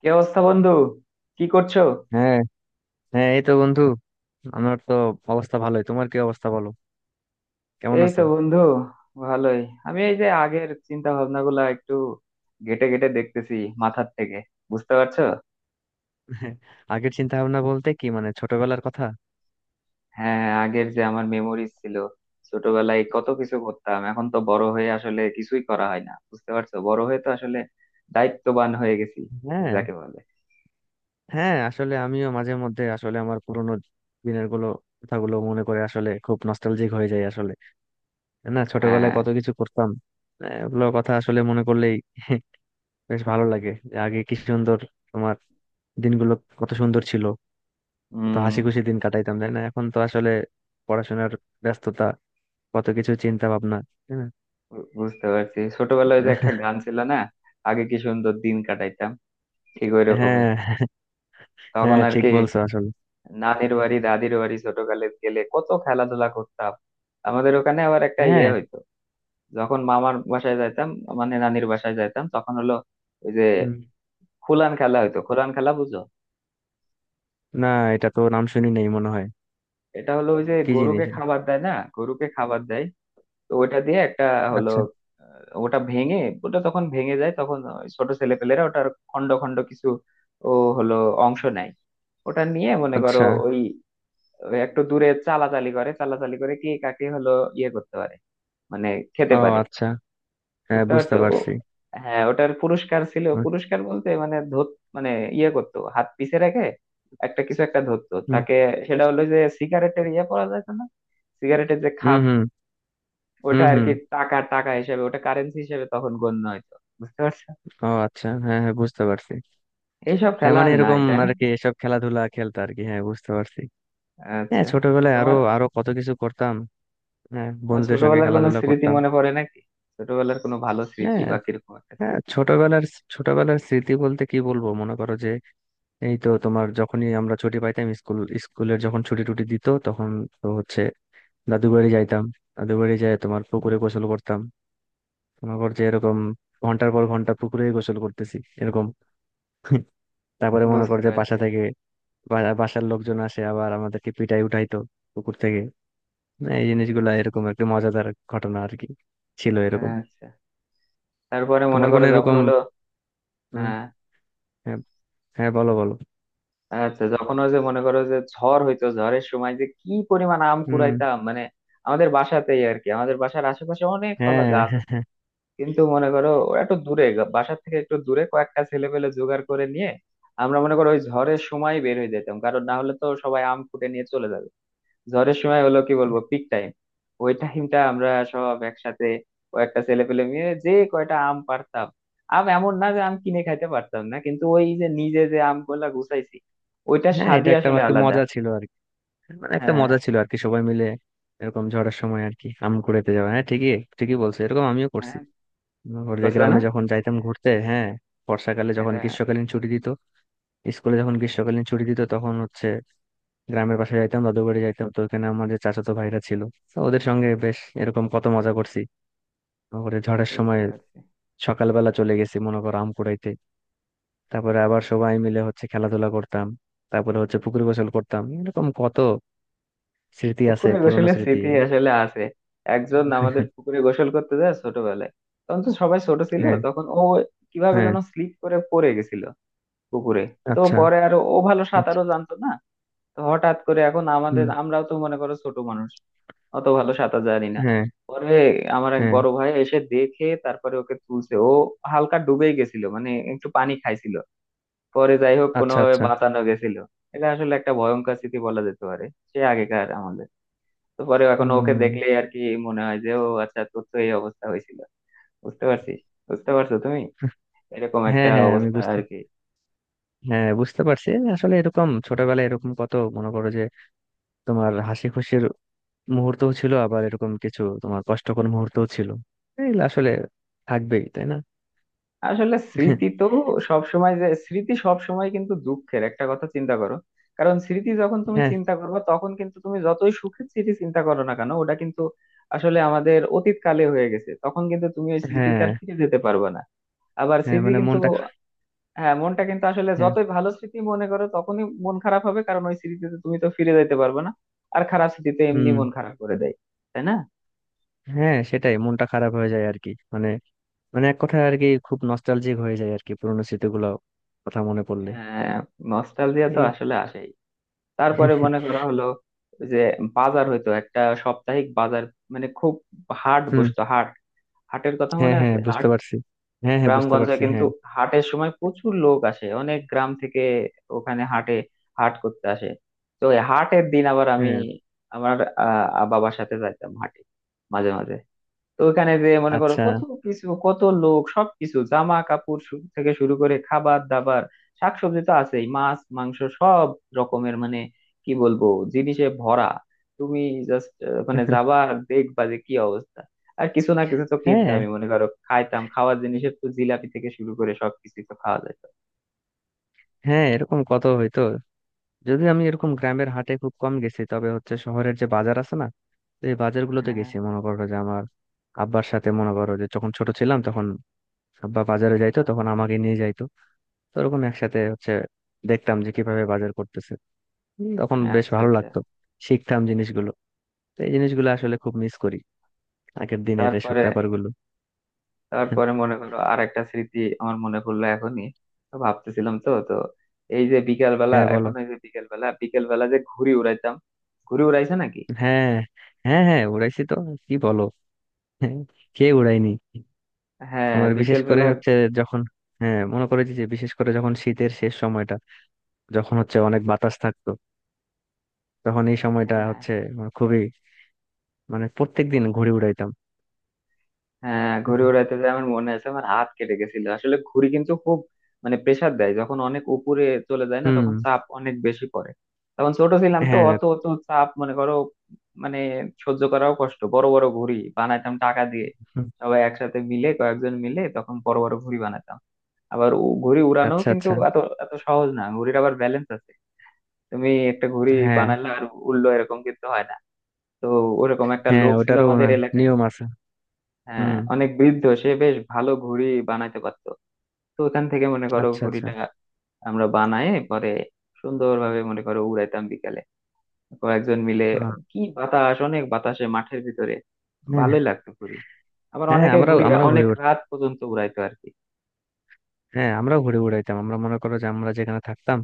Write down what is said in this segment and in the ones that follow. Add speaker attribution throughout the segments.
Speaker 1: কি অবস্থা বন্ধু? কি করছো?
Speaker 2: হ্যাঁ, হ্যাঁ, এই তো বন্ধু। আমার তো অবস্থা ভালোই। তোমার কি অবস্থা বলো? কেমন
Speaker 1: এই তো
Speaker 2: আছো?
Speaker 1: বন্ধু, ভালোই। আমি এই যে আগের চিন্তা ভাবনা গুলা একটু ঘেটে ঘেটে দেখতেছি মাথার থেকে। বুঝতে পারছো?
Speaker 2: আগের চিন্তা ভাবনা বলতে কি মানে ছোটবেলার কথা?
Speaker 1: হ্যাঁ হ্যাঁ, আগের যে আমার মেমোরিজ ছিল, ছোটবেলায় কত কিছু করতাম। এখন তো বড় হয়ে আসলে কিছুই করা হয় না, বুঝতে পারছো? বড় হয়ে তো আসলে দায়িত্ববান হয়ে গেছি,
Speaker 2: হ্যাঁ,
Speaker 1: যাকে বলে।
Speaker 2: হ্যাঁ, আসলে আমিও মাঝে মধ্যে আসলে আমার পুরোনো দিনের গুলো কথাগুলো মনে করে আসলে খুব নস্টালজিক হয়ে যায় আসলে। তাই না, ছোটবেলায়
Speaker 1: হ্যাঁ।
Speaker 2: কত কিছু করতাম। ওগুলো কথা আসলে মনে করলেই বেশ ভালো লাগে যে আগে কি সুন্দর তোমার দিনগুলো কত সুন্দর ছিল। কত হাসি
Speaker 1: উম
Speaker 2: খুশি দিন কাটাইতাম, তাই না? এখন তো আসলে পড়াশোনার ব্যস্ততা, কত কিছু চিন্তা ভাবনা।
Speaker 1: বুঝতে পারছি, ছোটবেলায় যে একটা গান ছিল না, আগে কি সুন্দর দিন কাটাইতাম, ঠিক ওই রকমই
Speaker 2: হ্যাঁ,
Speaker 1: তখন
Speaker 2: হ্যাঁ,
Speaker 1: আর
Speaker 2: ঠিক
Speaker 1: কি।
Speaker 2: বলছো আসলে।
Speaker 1: নানির বাড়ি, দাদির বাড়ি ছোটকালে গেলে কত খেলাধুলা করতাম। আমাদের ওখানে আবার একটা ইয়ে
Speaker 2: হ্যাঁ।
Speaker 1: হইতো। যখন মামার বাসায় যাইতাম, মানে নানির বাসায় যাইতাম, তখন হলো ওই যে
Speaker 2: হুম।
Speaker 1: খুলান খেলা হইতো। খুলান খেলা বুঝো?
Speaker 2: না, এটা তো নাম শুনি নাই মনে হয়।
Speaker 1: এটা হলো ওই যে
Speaker 2: কি
Speaker 1: গরুকে
Speaker 2: জিনিস এটা?
Speaker 1: খাবার দেয় না, গরুকে খাবার দেয়, তো ওটা দিয়ে একটা হলো,
Speaker 2: আচ্ছা,
Speaker 1: ওটা ভেঙে, ওটা তখন ভেঙে যায়, তখন ওই ছোট ছেলেপেলেরা ওটার খন্ড খন্ড কিছু, ও, হলো অংশ নেয়। ওটা নিয়ে মনে করো
Speaker 2: আচ্ছা।
Speaker 1: ওই, ওই একটু দূরে চালাচালি করে, চালাচালি করে কে কাকে হলো ইয়ে করতে পারে, মানে খেতে
Speaker 2: ও
Speaker 1: পারি।
Speaker 2: আচ্ছা, হ্যাঁ,
Speaker 1: বুঝতে পারছো?
Speaker 2: বুঝতে
Speaker 1: ও
Speaker 2: পারছি।
Speaker 1: হ্যাঁ, ওটার পুরস্কার ছিল।
Speaker 2: হুম,
Speaker 1: পুরস্কার বলতে মানে ধর, মানে ইয়ে করতো হাত পিছে রেখে, একটা কিছু একটা ধরতো
Speaker 2: হুম,
Speaker 1: তাকে। সেটা হলো যে সিগারেটের ইয়ে পাওয়া যায় না, সিগারেটের যে খাপ,
Speaker 2: হুম,
Speaker 1: ওটা
Speaker 2: হুম,
Speaker 1: আর
Speaker 2: হুম।
Speaker 1: কি টাকা, টাকা হিসেবে, ওটা কারেন্সি হিসেবে তখন গণ্য হইতো। বুঝতে পারছো?
Speaker 2: ও আচ্ছা, হ্যাঁ, হ্যাঁ, বুঝতে পারছি।
Speaker 1: এইসব
Speaker 2: হ্যাঁ
Speaker 1: খেলা
Speaker 2: মানে
Speaker 1: আর নাই,
Speaker 2: এরকম
Speaker 1: তাই না?
Speaker 2: আর কি, এসব খেলাধুলা খেলতো আর কি। হ্যাঁ, বুঝতে পারছি। হ্যাঁ,
Speaker 1: আচ্ছা,
Speaker 2: ছোটবেলায় আরো
Speaker 1: তোমার,
Speaker 2: আরো কত কিছু করতাম। হ্যাঁ,
Speaker 1: তোমার
Speaker 2: বন্ধুদের সঙ্গে
Speaker 1: ছোটবেলার কোনো
Speaker 2: খেলাধুলা
Speaker 1: স্মৃতি
Speaker 2: করতাম।
Speaker 1: মনে পড়ে নাকি? ছোটবেলার কোনো ভালো স্মৃতি
Speaker 2: হ্যাঁ,
Speaker 1: বা কিরকম একটা
Speaker 2: হ্যাঁ,
Speaker 1: স্মৃতি।
Speaker 2: ছোটবেলার ছোটবেলার স্মৃতি বলতে কি বলবো, মনে করো যে এই তো তোমার যখনই আমরা ছুটি পাইতাম, স্কুলের যখন ছুটি টুটি দিত তখন তো হচ্ছে দাদুর বাড়ি যাইতাম। দাদুর বাড়ি যায় তোমার, পুকুরে গোসল করতাম। মনে কর যে এরকম ঘন্টার পর ঘন্টা পুকুরে গোসল করতেছি এরকম। তারপরে মনে কর
Speaker 1: বুঝতে
Speaker 2: যে বাসা
Speaker 1: পারছি।
Speaker 2: থেকে বাসার লোকজন আসে আবার আমাদেরকে পিটাই উঠাইতো পুকুর থেকে। না, এই জিনিসগুলা এরকম একটা মজাদার ঘটনা আর কি ছিল এরকম।
Speaker 1: আচ্ছা, তারপরে মনে
Speaker 2: তোমার কোনো
Speaker 1: করো যখন
Speaker 2: এরকম
Speaker 1: হলো।
Speaker 2: উম,
Speaker 1: হ্যাঁ,
Speaker 2: হ্যাঁ, হ্যাঁ, বলো, বলো।
Speaker 1: আচ্ছা, যখন ওই যে মনে করো যে ঝড় হইতো, ঝড়ের সময় যে কি পরিমাণ আম
Speaker 2: হুম।
Speaker 1: কুড়াইতাম, মানে আমাদের বাসাতেই আর কি, আমাদের বাসার আশেপাশে অনেক কলা
Speaker 2: হ্যাঁ,
Speaker 1: গাছ
Speaker 2: হ্যাঁ,
Speaker 1: আছে,
Speaker 2: হ্যাঁ।
Speaker 1: কিন্তু মনে করো ওরা একটু দূরে, বাসার থেকে একটু দূরে, কয়েকটা ছেলে পেলে জোগাড় করে নিয়ে আমরা মনে করো ওই ঝড়ের সময় বের হয়ে যেতাম, কারণ না হলে তো সবাই আম কুটে নিয়ে চলে যাবে। ঝড়ের সময় হলো কি বলবো, পিক টাইম। ওই টাইমটা আমরা সব একসাথে কয়েকটা ছেলে পেলে মিলে যে কয়টা আম পারতাম। আম এমন না যে আম কিনে খাইতে পারতাম না, কিন্তু ওই যে নিজে যে আম গুলা গুছাইছি, ওইটার
Speaker 2: হ্যাঁ, এটা
Speaker 1: স্বাদই
Speaker 2: একটা
Speaker 1: আসলে
Speaker 2: আমার কি
Speaker 1: আলাদা।
Speaker 2: মজা ছিল আর কি। মানে একটা
Speaker 1: হ্যাঁ,
Speaker 2: মজা ছিল আর কি সবাই মিলে এরকম ঝড়ের সময় আর কি আম কুড়াইতে যাওয়া। হ্যাঁ, ঠিকই, ঠিকই বলছো, এরকম আমিও করছি।
Speaker 1: হ্যাঁ,
Speaker 2: ওর যে
Speaker 1: করছো না
Speaker 2: গ্রামে যখন যাইতাম ঘুরতে, হ্যাঁ, বর্ষাকালে যখন
Speaker 1: এটা?
Speaker 2: গ্রীষ্মকালীন ছুটি দিত স্কুলে যখন গ্রীষ্মকালীন ছুটি দিত তখন হচ্ছে গ্রামের পাশে যাইতাম, দাদু বাড়ি যাইতাম। তো ওখানে আমাদের চাচাতো ভাইরা ছিল, তো ওদের সঙ্গে বেশ এরকম কত মজা করছি। ওরে ঝড়ের সময়
Speaker 1: বুঝতে পারছি।
Speaker 2: সকালবেলা চলে গেছি মনে করো আম কুড়াইতে। তারপরে আবার সবাই মিলে হচ্ছে খেলাধুলা করতাম। তারপরে হচ্ছে পুকুর গোসল করতাম। এরকম কত স্মৃতি আছে,
Speaker 1: পুকুরে
Speaker 2: পুরনো
Speaker 1: গোসলের
Speaker 2: স্মৃতি।
Speaker 1: স্মৃতি আসলে আছে। একজন আমাদের পুকুরে গোসল করতে যায় ছোটবেলায়, তখন তো সবাই ছোট ছিল,
Speaker 2: হ্যাঁ,
Speaker 1: তখন ও কিভাবে
Speaker 2: হ্যাঁ।
Speaker 1: যেন স্লিপ করে পড়ে গেছিল পুকুরে। তো
Speaker 2: আচ্ছা,
Speaker 1: পরে আর ও ভালো
Speaker 2: আচ্ছা।
Speaker 1: সাঁতারও জানতো না। তো হঠাৎ করে এখন আমাদের,
Speaker 2: হুম।
Speaker 1: আমরাও তো মনে করো ছোট মানুষ, অত ভালো সাঁতার জানি না।
Speaker 2: হ্যাঁ,
Speaker 1: পরে আমার এক
Speaker 2: হ্যাঁ।
Speaker 1: বড় ভাই এসে দেখে, তারপরে ওকে তুলছে। ও হালকা ডুবেই গেছিল, মানে একটু পানি খাইছিল। পরে যাই হোক,
Speaker 2: আচ্ছা,
Speaker 1: কোনোভাবে
Speaker 2: আচ্ছা।
Speaker 1: বাঁচানো গেছিল। এটা আসলে একটা ভয়ঙ্কর স্মৃতি বলা যেতে পারে। সে আগেকার, আমাদের তো, পরে এখন ওকে
Speaker 2: হুম।
Speaker 1: দেখলেই আর কি মনে হয় যে, ও আচ্ছা, তোর তো এই অবস্থা হয়েছিল। বুঝতে পারছিস? বুঝতে পারছো তুমি? এরকম একটা
Speaker 2: হ্যাঁ, হ্যাঁ, আমি
Speaker 1: অবস্থা
Speaker 2: বুঝতে
Speaker 1: আর কি।
Speaker 2: হ্যাঁ, বুঝতে পারছি। আসলে এরকম ছোটবেলায় এরকম কত মনে করো যে তোমার হাসি খুশির মুহূর্তও ছিল, আবার এরকম কিছু তোমার কষ্টকর মুহূর্তও ছিল। এগুলো আসলে থাকবেই, তাই না?
Speaker 1: আসলে স্মৃতি তো সবসময় যে স্মৃতি সবসময় কিন্তু দুঃখের, একটা কথা চিন্তা করো, কারণ স্মৃতি যখন তুমি
Speaker 2: হ্যাঁ,
Speaker 1: চিন্তা করবে তখন কিন্তু, তুমি যতই সুখের স্মৃতি চিন্তা করো না কেন, ওটা কিন্তু আসলে আমাদের অতীত কালে হয়ে গেছে, তখন কিন্তু তুমি ওই স্মৃতিতে
Speaker 2: হ্যাঁ।
Speaker 1: আর ফিরে যেতে পারবে না। আবার
Speaker 2: হ্যাঁ
Speaker 1: স্মৃতি
Speaker 2: মানে
Speaker 1: কিন্তু, হ্যাঁ, মনটা কিন্তু আসলে
Speaker 2: হ্যাঁ।
Speaker 1: যতই ভালো স্মৃতি মনে করো তখনই মন খারাপ হবে, কারণ ওই স্মৃতিতে তুমি তো ফিরে যেতে পারবে না। আর খারাপ স্মৃতিতে এমনি
Speaker 2: হুম।
Speaker 1: মন খারাপ করে দেয়, তাই না?
Speaker 2: হ্যাঁ, সেটাই, মনটা খারাপ হয়ে যায় আর কি। মানে, মানে এক কথায় আর কি খুব নস্টালজিক হয়ে যায় আর কি, পুরোনো স্মৃতিগুলো কথা মনে পড়লে।
Speaker 1: আহ নস্টালজিয়া তো
Speaker 2: এই
Speaker 1: আসলে আসে। তারপরে মনে করা হলো যে বাজার হইতো, একটা সাপ্তাহিক বাজার, মানে খুব, হাট
Speaker 2: হুম।
Speaker 1: বসতো, হাট। হাটের কথা
Speaker 2: হ্যাঁ,
Speaker 1: মনে আছে,
Speaker 2: হ্যাঁ,
Speaker 1: হাট?
Speaker 2: বুঝতে পারছি। হ্যাঁ, হ্যাঁ, বুঝতে
Speaker 1: গ্রামগঞ্জে
Speaker 2: পারছি।
Speaker 1: কিন্তু
Speaker 2: হ্যাঁ,
Speaker 1: হাটের সময় প্রচুর লোক আসে, অনেক গ্রাম থেকে ওখানে হাটে, হাট করতে আসে। তো এই হাটের দিন আবার আমি,
Speaker 2: হ্যাঁ,
Speaker 1: আমার বাবার সাথে যাইতাম হাটে মাঝে মাঝে। তো ওখানে যে মনে করো
Speaker 2: আচ্ছা।
Speaker 1: কত কিছু, কত লোক, সবকিছু, জামা কাপড় থেকে শুরু করে খাবার দাবার, শাকসবজি তো আছেই, মাছ মাংস সব রকমের, মানে কি বলবো, জিনিসে ভরা। তুমি জাস্ট, মানে যাবা আর দেখবা যে কি অবস্থা। আর কিছু না কিছু তো
Speaker 2: হ্যাঁ,
Speaker 1: কিনতামই, মনে করো, খাইতাম, খাওয়ার জিনিসের তো জিলাপি থেকে শুরু করে সবকিছু তো খাওয়া যেত।
Speaker 2: হ্যাঁ, এরকম কত হইতো। যদি আমি এরকম গ্রামের হাটে খুব কম গেছি, তবে হচ্ছে শহরের যে বাজার আছে না, তো এই বাজারগুলোতে
Speaker 1: হ্যাঁ,
Speaker 2: গেছি মনে করো যে আমার আব্বার সাথে। মনে করো যে যখন ছোট ছিলাম তখন আব্বা বাজারে যাইতো, তখন আমাকে নিয়ে যাইতো। তো ওরকম একসাথে হচ্ছে দেখতাম যে কিভাবে বাজার করতেছে। তখন বেশ
Speaker 1: আচ্ছা
Speaker 2: ভালো
Speaker 1: আচ্ছা।
Speaker 2: লাগতো, শিখতাম জিনিসগুলো। তো এই জিনিসগুলো আসলে খুব মিস করি, আগের দিনের এসব
Speaker 1: তারপরে
Speaker 2: ব্যাপারগুলো।
Speaker 1: তারপরে মনে করো আর একটা স্মৃতি আমার মনে পড়লো এখনই। তো ভাবতেছিলাম তো তো, এই যে বিকেল বেলা,
Speaker 2: হ্যাঁ,
Speaker 1: এখন
Speaker 2: বলো।
Speaker 1: এই যে বিকেল বেলা, বিকেল বেলা যে ঘুড়ি উড়াইতাম। ঘুড়ি উড়াইছে নাকি?
Speaker 2: হ্যাঁ, হ্যাঁ, হ্যাঁ, উড়াইছি তো, কি বলো। হ্যাঁ, কে উড়াইনি!
Speaker 1: হ্যাঁ
Speaker 2: তোমার বিশেষ
Speaker 1: বিকেল
Speaker 2: করে হচ্ছে যখন, হ্যাঁ মনে করে যে বিশেষ করে যখন শীতের শেষ সময়টা, যখন হচ্ছে অনেক বাতাস থাকতো, তখন এই সময়টা
Speaker 1: বেলা।
Speaker 2: হচ্ছে আমার খুবই, মানে প্রত্যেক দিন ঘুড়ি উড়াইতাম।
Speaker 1: হ্যাঁ ঘুড়ি উড়াইতে যে আমার মনে আছে, আমার হাত কেটে গেছিল। আসলে ঘুড়ি কিন্তু খুব, মানে প্রেসার দেয় যখন অনেক উপরে চলে যায় না,
Speaker 2: হুম।
Speaker 1: তখন চাপ অনেক বেশি পড়ে। তখন ছোট ছিলাম তো,
Speaker 2: হ্যাঁ।
Speaker 1: অত অত চাপ মনে করো মানে সহ্য করাও কষ্ট। বড় বড় ঘুড়ি বানাইতাম টাকা দিয়ে,
Speaker 2: হুম।
Speaker 1: সবাই একসাথে মিলে, কয়েকজন মিলে, তখন বড় বড় ঘুড়ি বানাতাম। আবার ঘুড়ি উড়ানো
Speaker 2: আচ্ছা,
Speaker 1: কিন্তু
Speaker 2: আচ্ছা।
Speaker 1: এত এত সহজ না, ঘুড়ির আবার ব্যালেন্স আছে। তুমি একটা ঘুড়ি
Speaker 2: হ্যাঁ,
Speaker 1: বানালে আর উড়লো এরকম কিন্তু হয় না। তো ওরকম একটা
Speaker 2: হ্যাঁ,
Speaker 1: লোক ছিল
Speaker 2: ওটারও
Speaker 1: আমাদের
Speaker 2: না
Speaker 1: এলাকায়,
Speaker 2: নিয়ম আছে।
Speaker 1: হ্যাঁ,
Speaker 2: হুম।
Speaker 1: অনেক বৃদ্ধ, সে বেশ ভালো ঘুড়ি বানাইতে পারতো। তো ওখান থেকে মনে করো
Speaker 2: আচ্ছা, আচ্ছা।
Speaker 1: ঘুড়িটা আমরা বানায় পরে সুন্দরভাবে মনে করো উড়াইতাম বিকালে, কয়েকজন মিলে।
Speaker 2: আহ,
Speaker 1: কি বাতাস, অনেক বাতাসে, মাঠের ভিতরে
Speaker 2: হ্যাঁ,
Speaker 1: ভালোই লাগতো ঘুড়ি। আবার
Speaker 2: হ্যাঁ,
Speaker 1: অনেকে
Speaker 2: আমরাও
Speaker 1: ঘুড়ি
Speaker 2: আমরাও ঘুড়ি,
Speaker 1: অনেক রাত পর্যন্ত উড়াইতো আর কি।
Speaker 2: হ্যাঁ, আমরাও ঘুড়ি উড়াইতাম। আমরা মনে করো যে আমরা যেখানে থাকতাম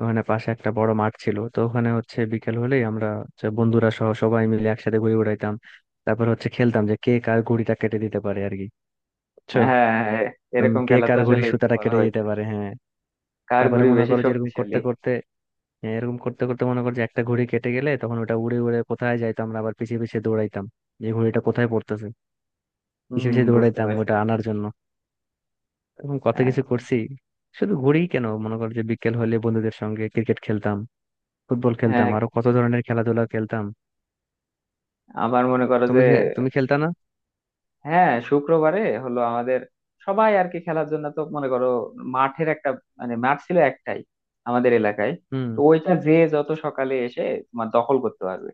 Speaker 2: ওখানে পাশে একটা বড় মাঠ ছিল, তো ওখানে হচ্ছে বিকেল হলেই আমরা হচ্ছে বন্ধুরা সহ সবাই মিলে একসাথে ঘুড়ি উড়াইতাম। তারপর হচ্ছে খেলতাম যে কে কার ঘুড়িটা কেটে দিতে পারে আর কি, বুঝছো।
Speaker 1: হ্যাঁ হ্যাঁ, এরকম
Speaker 2: কে
Speaker 1: খেলা তো
Speaker 2: কার
Speaker 1: আসলে
Speaker 2: ঘুড়ির সুতাটা
Speaker 1: করা
Speaker 2: কেটে
Speaker 1: হয়েছে।
Speaker 2: দিতে পারে, হ্যাঁ।
Speaker 1: কার
Speaker 2: তারপরে
Speaker 1: ঘুড়ি
Speaker 2: মনে
Speaker 1: বেশি
Speaker 2: করো যে এরকম করতে
Speaker 1: শক্তিশালী।
Speaker 2: করতে, হ্যাঁ, এরকম করতে করতে মনে করো যে একটা ঘুড়ি কেটে গেলে তখন ওটা উড়ে উড়ে কোথায় যাইতো, আমরা আবার পিছিয়ে পিছিয়ে দৌড়াইতাম যে ঘুড়িটা কোথায় পড়তেছে, পিছিয়ে
Speaker 1: হম,
Speaker 2: পিছিয়ে
Speaker 1: বুঝতে
Speaker 2: দৌড়াইতাম
Speaker 1: পারছি
Speaker 2: ওটা
Speaker 1: বুঝতে
Speaker 2: আনার
Speaker 1: পারছি।
Speaker 2: জন্য। এরকম কত কিছু
Speaker 1: আচ্ছা,
Speaker 2: করছি। শুধু ঘুরি কেন, মনে করো যে বিকেল হলে বন্ধুদের সঙ্গে ক্রিকেট খেলতাম, ফুটবল খেলতাম,
Speaker 1: হ্যাঁ।
Speaker 2: আরো কত ধরনের খেলাধুলা খেলতাম।
Speaker 1: আবার মনে করো যে,
Speaker 2: তুমি তুমি খেলতা না?
Speaker 1: হ্যাঁ, শুক্রবারে হলো আমাদের সবাই আর কি খেলার জন্য, তো মনে করো মাঠের একটা, মানে মাঠ ছিল একটাই আমাদের এলাকায়।
Speaker 2: হুম।
Speaker 1: তো ওইটা যে যত সকালে এসে তোমার দখল করতে পারবে,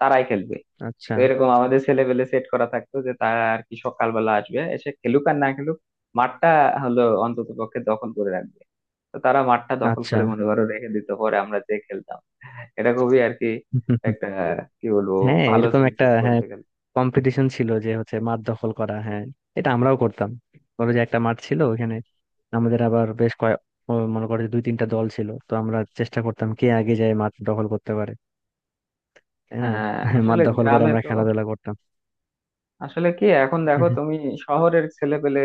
Speaker 1: তারাই খেলবে।
Speaker 2: আচ্ছা,
Speaker 1: তো এরকম আমাদের ছেলেপেলে সেট করা থাকতো যে তারা আর কি সকালবেলা আসবে, এসে খেলুক আর না খেলুক, মাঠটা হলো অন্তত পক্ষে দখল করে রাখবে। তো তারা মাঠটা দখল
Speaker 2: আচ্ছা।
Speaker 1: করে মনে করো রেখে দিত, পরে আমরা যে খেলতাম। এটা খুবই আর কি একটা, কি বলবো,
Speaker 2: হ্যাঁ,
Speaker 1: ভালো
Speaker 2: এরকম
Speaker 1: স্মৃতি
Speaker 2: একটা, হ্যাঁ,
Speaker 1: বলতে গেলে।
Speaker 2: কম্পিটিশন ছিল যে হচ্ছে মাঠ দখল করা, হ্যাঁ, এটা আমরাও করতাম। ধরো যে একটা মাঠ ছিল ওখানে, আমাদের আবার বেশ কয়েক, ও মনে করো যে দুই তিনটা দল ছিল, তো আমরা চেষ্টা করতাম কে আগে যায় মাঠ দখল করতে পারে, তাই না।
Speaker 1: হ্যাঁ,
Speaker 2: মাঠ
Speaker 1: আসলে
Speaker 2: দখল করে
Speaker 1: গ্রামে
Speaker 2: আমরা
Speaker 1: তো,
Speaker 2: খেলাধুলা করতাম।
Speaker 1: আসলে কি এখন দেখো তুমি, শহরের ছেলে পেলে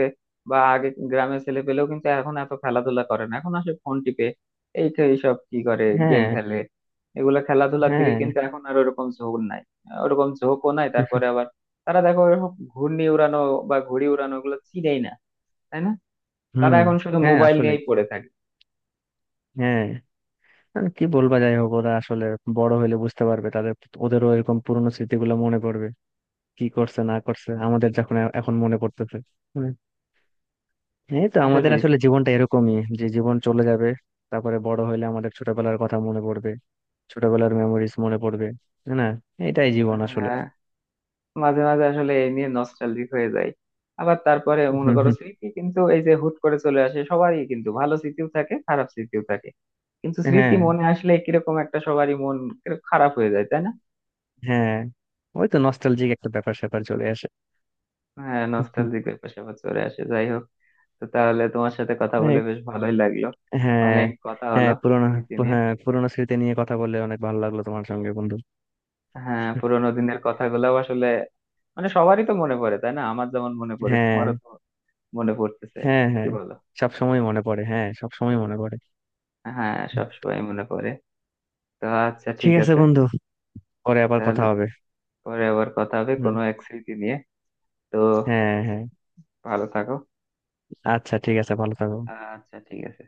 Speaker 1: বা আগে গ্রামের ছেলে পেলেও কিন্তু এখন এত খেলাধুলা করে না, এখন আসে ফোন টিপে। এই তো এইসব কি করে, গেম
Speaker 2: হ্যাঁ,
Speaker 1: খেলে। এগুলা খেলাধুলার দিকে
Speaker 2: হ্যাঁ।
Speaker 1: কিন্তু এখন আর ওরকম ঝোঁক নাই। ওরকম ঝোঁকও নাই। তারপরে আবার তারা দেখো, ওরকম ঘূর্ণি উড়ানো বা ঘুড়ি উড়ানো ওগুলো চিনেই না, তাই না? তারা
Speaker 2: হুম।
Speaker 1: এখন শুধু
Speaker 2: হ্যাঁ
Speaker 1: মোবাইল
Speaker 2: আসলে,
Speaker 1: নিয়েই পড়ে থাকে।
Speaker 2: হ্যাঁ, আর কি বলবা, যাই হোক, ওরা আসলে বড় হলে বুঝতে পারবে। তাদের, ওদেরও এরকম পুরনো স্মৃতিগুলো মনে পড়বে, কি করছে না করছে, আমাদের যখন এখন মনে পড়তেছে। হুম। এই তো আমাদের
Speaker 1: আসলে,
Speaker 2: আসলে জীবনটা এরকমই, যে জীবন চলে যাবে, তারপরে বড় হলে আমাদের ছোটবেলার কথা মনে পড়বে, ছোটবেলার মেমোরিজ মনে পড়বে, তাই না। এটাই জীবন আসলে।
Speaker 1: হ্যাঁ, মাঝে মাঝে আসলে এই নিয়ে নস্টালজিক হয়ে যায়। আবার তারপরে মনে
Speaker 2: হুম,
Speaker 1: করো
Speaker 2: হুম।
Speaker 1: স্মৃতি কিন্তু এই যে হুট করে চলে আসে, সবারই কিন্তু ভালো স্মৃতিও থাকে, খারাপ স্মৃতিও থাকে, কিন্তু স্মৃতি
Speaker 2: হ্যাঁ,
Speaker 1: মনে আসলে কিরকম একটা সবারই মন কিরকম খারাপ হয়ে যায়, তাই না?
Speaker 2: হ্যাঁ, ওই তো নস্টালজিক একটা ব্যাপার স্যাপার চলে আসে।
Speaker 1: হ্যাঁ,
Speaker 2: হুম, হুম।
Speaker 1: নস্টালজিক ব্যাপার স্যাপার চলে আসে। যাই হোক, তো তাহলে তোমার সাথে কথা বলে
Speaker 2: হ্যাঁ,
Speaker 1: বেশ ভালোই লাগলো, অনেক কথা হলো
Speaker 2: হ্যাঁ, পুরোনো,
Speaker 1: স্মৃতি নিয়ে।
Speaker 2: হ্যাঁ পুরোনো স্মৃতি নিয়ে কথা বললে অনেক ভালো লাগলো তোমার সঙ্গে, বন্ধু।
Speaker 1: হ্যাঁ পুরোনো দিনের কথাগুলো আসলে মানে সবারই তো মনে পড়ে, তাই না? আমার যেমন মনে পড়ে,
Speaker 2: হ্যাঁ,
Speaker 1: তোমারও তো মনে পড়তেছে।
Speaker 2: হ্যাঁ,
Speaker 1: কি
Speaker 2: হ্যাঁ
Speaker 1: বলো?
Speaker 2: সব সময় মনে পড়ে, হ্যাঁ সব সময় মনে পড়ে।
Speaker 1: হ্যাঁ, সবসময় মনে পড়ে। তো আচ্ছা,
Speaker 2: ঠিক
Speaker 1: ঠিক
Speaker 2: আছে
Speaker 1: আছে,
Speaker 2: বন্ধু, পরে আবার
Speaker 1: তাহলে
Speaker 2: কথা হবে।
Speaker 1: পরে আবার কথা হবে
Speaker 2: হুম।
Speaker 1: কোনো এক স্মৃতি নিয়ে। তো
Speaker 2: হ্যাঁ, হ্যাঁ।
Speaker 1: ভালো থাকো।
Speaker 2: আচ্ছা, ঠিক আছে, ভালো থাকো।
Speaker 1: আচ্ছা, ঠিক আছে।